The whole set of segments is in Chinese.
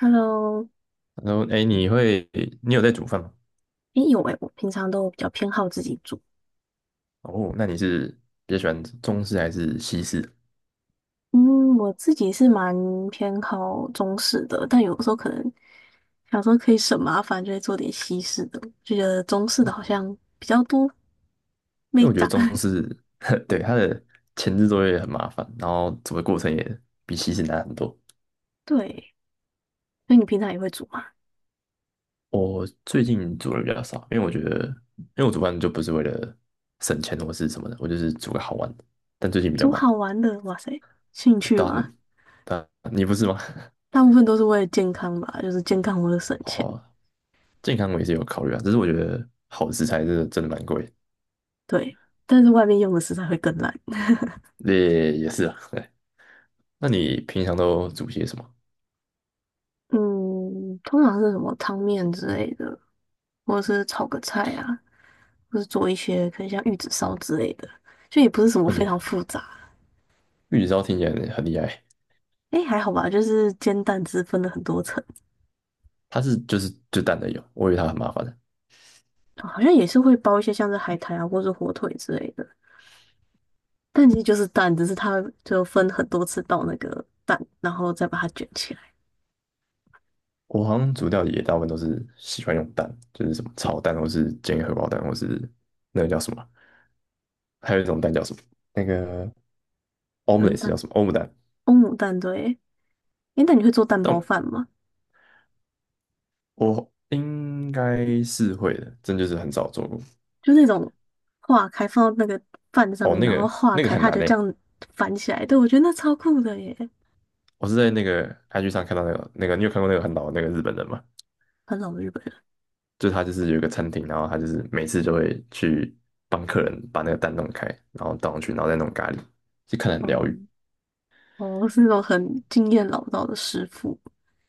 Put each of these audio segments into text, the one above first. Hello，然后，哎，你会，你有在煮饭吗？诶，有诶，我平常都比较偏好自己煮。哦，那你是比较喜欢中式还是西式啊？嗯，我自己是蛮偏好中式的，但有时候可能想说可以省麻烦，就会做点西式的。就觉得中式的好像比较多因美为我觉得感。中 式，对，嗯，它的前置作业很麻烦，然后煮的过程也比西式难很多。对。那你平常也会煮吗？我最近煮的比较少，因为我觉得，因为我煮饭就不是为了省钱或是什么的，我就是煮个好玩的。但最近比较煮忙，好玩的，哇塞，兴趣对啊，吗？你对啊你不是吗？大部分都是为了健康吧，就是健康为了省 钱。哦，健康我也是有考虑啊，只是我觉得好的食材真的蛮贵对，但是外面用的食材会更烂。的，也是啊。那你平常都煮些什么？嗯，通常是什么汤面之类的，或者是炒个菜啊。或是做一些可能像玉子烧之类的，就也不是什么哦，非你常复杂。玉子烧听起来很厉害，哎，还好吧，就是煎蛋汁分了很多层，它是就蛋的有，我以为它很麻烦。的。好像也是会包一些像是海苔啊，或是火腿之类的。但其实就是蛋，只是它就分很多次到那个蛋，然后再把它卷起来。我好像煮料理也大部分都是喜欢用蛋，就是什么炒蛋，或是煎荷包蛋，或是那个叫什么，还有一种蛋叫什么？那个 蒸 omelette 蛋，叫什么？欧姆蛋？欧姆蛋，对。诶，那你会做蛋包但饭吗？我应该是会的，真就是很少做过。就那种化开放到那个饭上哦，面，那然后个化那个开，很它难就这诶，样翻起来。对，我觉得那超酷的耶，我是在那个 IG 上看到那个，你有看过那个很老的那个日本人吗？很老的日本人。就他就是有一个餐厅，然后他就是每次就会去帮客人把那个蛋弄开，然后倒上去，然后再弄咖喱，就看得很哦疗愈。哦，是那种很经验老道的师傅。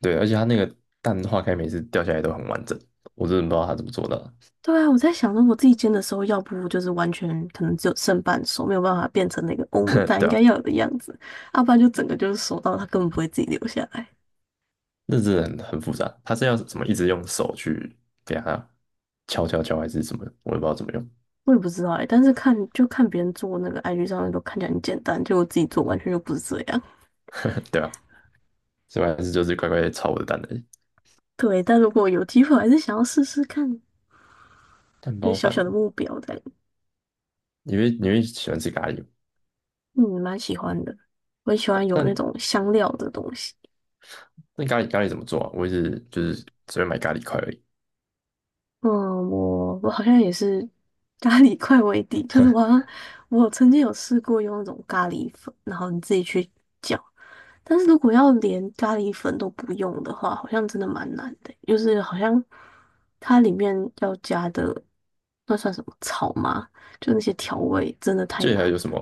对，而且他那个蛋化开每次掉下来都很完整，我真的不知道他怎么做到的。对啊，我在想，如果自己煎的时候，要不就是完全可能只有剩半熟，没有办法变成那个欧姆 蛋应对啊，该要有的样子，要不然就整个就是熟到它根本不会自己留下来。那真的很复杂，他是要怎么一直用手去给他敲敲敲还是什么，我也不知道怎么用。我也不知道哎、但是看就看别人做那个 IG 上面都看起来很简单，就我自己做完全就不是这样。对啊，所以我还是就是乖乖地炒我的蛋而已。对，但如果有机会，我还是想要试试看，蛋就是包小饭，小的目标在。你会喜欢吃咖喱吗？嗯，蛮喜欢的，我很喜欢有那那种香料的东西。那咖喱怎么做啊？我一直就是只会买咖喱块而已。嗯，我好像也是咖喱块为底，就是我好像我曾经有试过用那种咖喱粉，然后你自己去搅，但是如果要连咖喱粉都不用的话，好像真的蛮难的，就是好像它里面要加的那算什么草吗？就那些调味真的太这记得还难有了。什么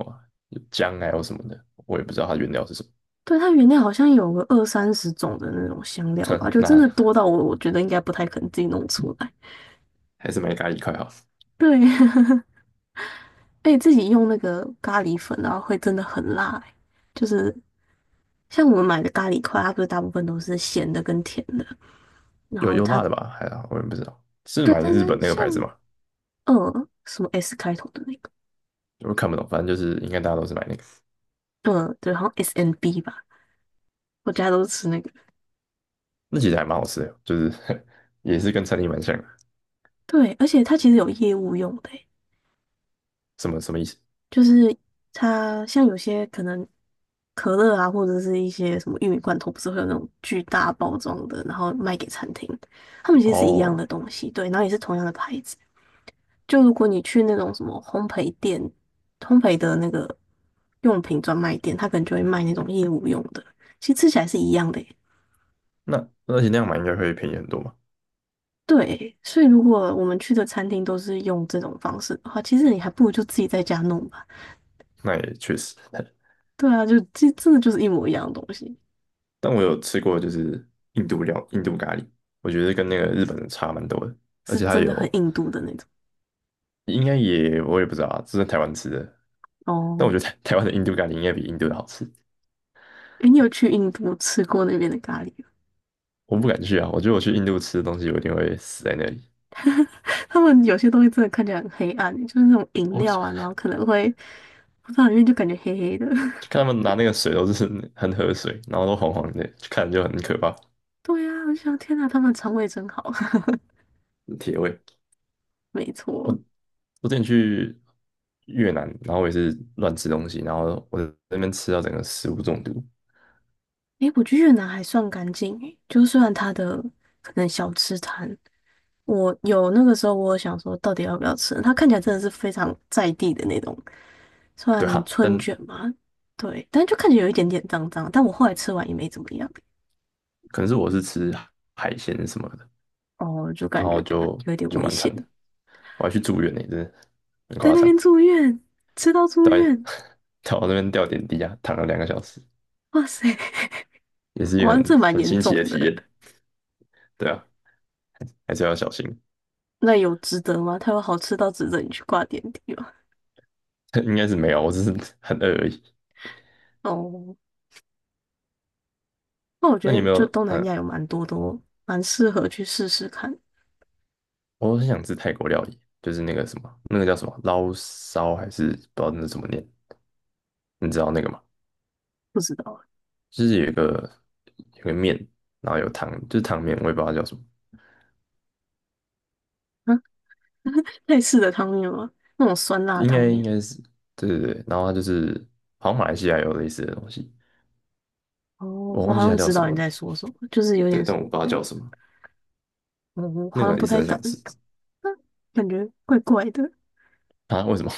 有姜还有什么的，我也不知道它原料是什么。对，它原料好像有个二三十种的那种香料吧，就真的那多到我觉得应该不太可能自己弄出来。还是买咖喱块好了，对。而且自己用那个咖喱粉，然后会真的很辣欸、就是像我们买的咖喱块，它不是大部分都是咸的跟甜的，然有后有辣它的吧？还好，我也不知道是对，买但是日本那个牌子像吗？什么 S 开头的那个，我看不懂，反正就是应该大家都是买那个，对，好像 SNB 吧，我家都是吃那个。那其实还蛮好吃的哦，就是 也是跟餐厅蛮像的。对，而且它其实有业务用的欸、什么意思？就是它像有些可能可乐啊，或者是一些什么玉米罐头，不是会有那种巨大包装的，然后卖给餐厅，他们其实是一样哦，的东西，对，然后也是同样的牌子。就如果你去那种什么烘焙店、烘焙的那个用品专卖店，他可能就会卖那种业务用的，其实吃起来是一样的耶。那而且那样买应该会便宜很多嘛？对，所以如果我们去的餐厅都是用这种方式的话，其实你还不如就自己在家弄吧。那也确实，对啊，就这真的就是一模一样的东西，但我有吃过就是印度咖喱，我觉得跟那个日本的差蛮多的，而是且它真的有很印度的那种。应该也我也不知道啊，这是在台湾吃的，但我哦，觉得台湾的印度咖喱应该比印度的好吃。诶，你有去印度吃过那边的咖喱吗 我不敢去啊，我觉得我去印度吃的东西，我一定会死在那里。他们有些东西真的看起来很黑暗，就是那种饮我就料啊，然后可能会不知道里面就感觉黑黑的。看他们拿那个水都是很喝水，然后都黄黄的，就看着就很可怕，对呀、啊我就想天哪，他们肠胃真好。铁胃。没我错，我之前去越南，然后我也是乱吃东西，然后我在那边吃到整个食物中毒。诶，我觉得越南还算干净诶，就虽然它的可能小吃摊，我有那个时候我有想说到底要不要吃，它看起来真的是非常在地的那种，对算啊，春但卷嘛，对，但就看起来有一点点脏脏，但我后来吃完也没怎么样，可能是我是吃海鲜什么的，哦，就然感后觉就有一点就危蛮险，惨的，我还去住院呢、真的很在夸那张，边住院，吃到住到 院，到我那边吊点滴啊，躺了两个小时。哇塞，也是一个哇，很这蛮很严新重奇的体的，验，对啊，还是要小心。那有值得吗？它有好吃到值得你去挂点滴吗？应该是没有，我只是 很饿而已。哦，那我那你觉有得没就有？东南亚嗯，有蛮多都蛮适合去试试看，我很想吃泰国料理，就是那个什么，那个叫什么捞烧还是不知道那怎么念？你知道那个吗？不知道就是有个面，然后有汤，就是汤面，我也不知道它叫什么，啊，类似的汤面吗？那种酸辣应汤该应面。该是对对对。然后它就是好像马来西亚有类似的东西，哦，我我忘好记像它叫知什道么你了。在说什么，就是有点，对，但我不知道嗯，叫什么，我那好像个不一直太很敢，想吃啊感觉怪怪的。啊？为什么？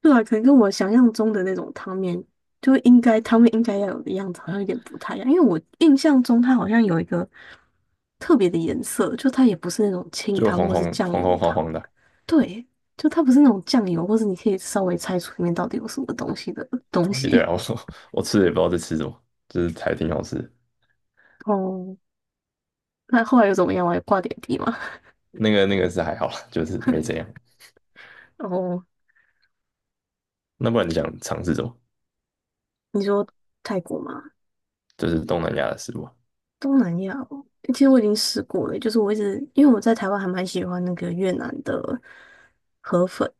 对啊，可能跟我想象中的那种汤面，就应该汤面应该要有的样子，好像有点不太一样。因为我印象中它好像有一个特别的颜色，就它也不是那种 清就汤红或是红酱红油红黄汤。黄的，对，就它不是那种酱油，或是你可以稍微猜出里面到底有什么东西的 东哦，也对西。啊，我 我吃的也不知道在吃什么，就是还挺好吃的。哦，那后来又怎么样啊？有挂点滴吗？那个是还好啦，就是没怎样。后那不然你想尝试什么？你说泰国吗？就是东南亚的食物啊。东南亚哦其实我已经试过了，就是我一直因为我在台湾还蛮喜欢那个越南的河粉，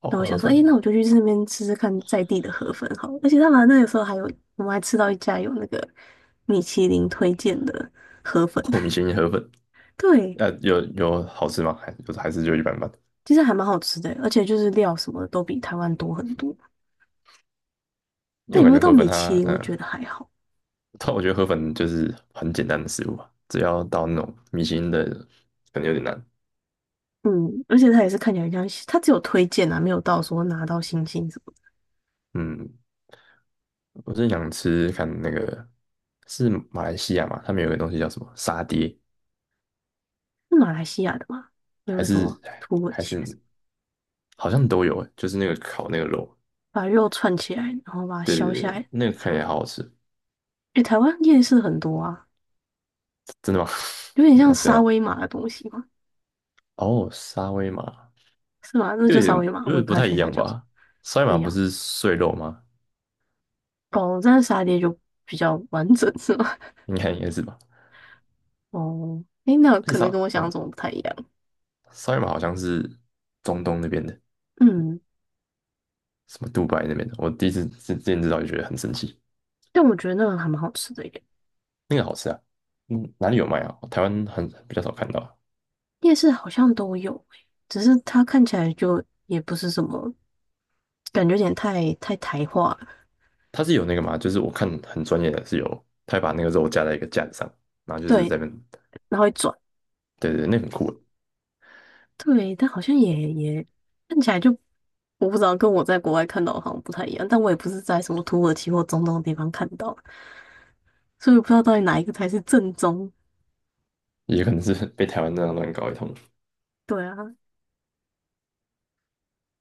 哦，那我河想说，诶，那粉，我就去那边吃吃看在地的河粉好了，而且他们那个时候还有，我们还吃到一家有那个米其林推荐的河粉，我米其林河粉，对，呃，有好吃吗？还有还是就一般般？其实还蛮好吃的欸，而且就是料什么的都比台湾多很多。因为但我有感没有觉到河粉米其它，林，我觉得还好。但我觉得河粉就是很简单的食物吧，只要到那种米其林的，可能有点难。嗯，而且它也是看起来像，它只有推荐啊，没有到说拿到星星什么的嗯，我是想吃看那个是马来西亚嘛，他们有个东西叫什么沙爹，是马来西亚的吗？没还有什么是土耳还其还是什是。么好像都有诶，就是那个烤那个肉，把肉串起来，然后把它对削对下对，来。那个看起来好好吃，诶，台湾夜市很多啊，真的吗？有 点像那没沙有，威玛的东西吗？哦，沙威玛是吗？那又就有点沙威玛，有我也点不不太太确一定它样叫什么，吧？沙威不玛一不样。是碎肉吗？哦，但是沙爹就比较完整是吗？应该是吧？哦，诶，那而且可能跟我想象嗯，中不太一样。沙威玛好像是中东那边的，嗯。什么杜拜那边的，我第一次之前知道就觉得很神奇，但我觉得那个还蛮好吃的耶，那个好吃啊，嗯，哪里有卖啊？台湾很比较少看到啊，夜市好像都有诶，只是它看起来就也不是什么，感觉有点太台化了它是有那个嘛，就是我看很专业的是有，他会把那个肉架在一个架子上，然后就是对，在那边，然后一转，对对对，那很酷。对，但好像也看起来就我不知道，跟我在国外看到的好像不太一样。但我也不是在什么土耳其或中东的地方看到，所以我不知道到底哪一个才是正宗。也可能是 被台湾那样乱搞一通。对啊，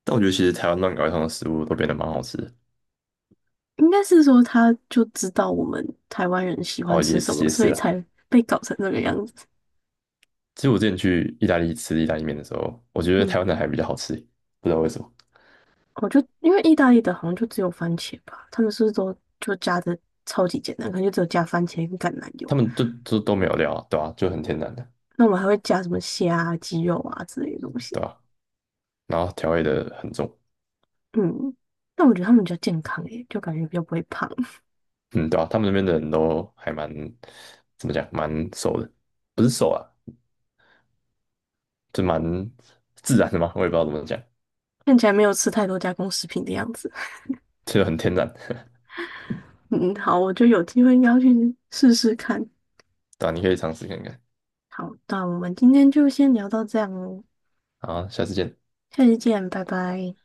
但我觉得其实台湾乱搞一通的食物都变得蛮好吃的。应该是说他就知道我们台湾人喜欢哦，吃也什么，也所是以啊。才被搞成这个样子。其实我之前去意大利吃意大利面的时候，我觉得台嗯。湾的还比较好吃，不知道为什么。我就因为意大利的好像就只有番茄吧，他们是不是都就加的超级简单，可能就只有加番茄跟橄榄油。他们就都没有料啊，对啊，就很天然的，那我们还会加什么虾啊、鸡肉啊之类的东西。对啊。然后调味的很重，嗯，但我觉得他们比较健康诶，就感觉比较不会胖，嗯，对啊。他们那边的人都还蛮怎么讲，蛮瘦的，不是瘦啊，就蛮自然的嘛，我也不知道怎么讲，看起来没有吃太多加工食品的样子。就很天然。嗯，好，我就有机会应该要去试试看。对啊，你可以尝试看看。好，那我们今天就先聊到这样哦，好，下次见。下期见，拜拜。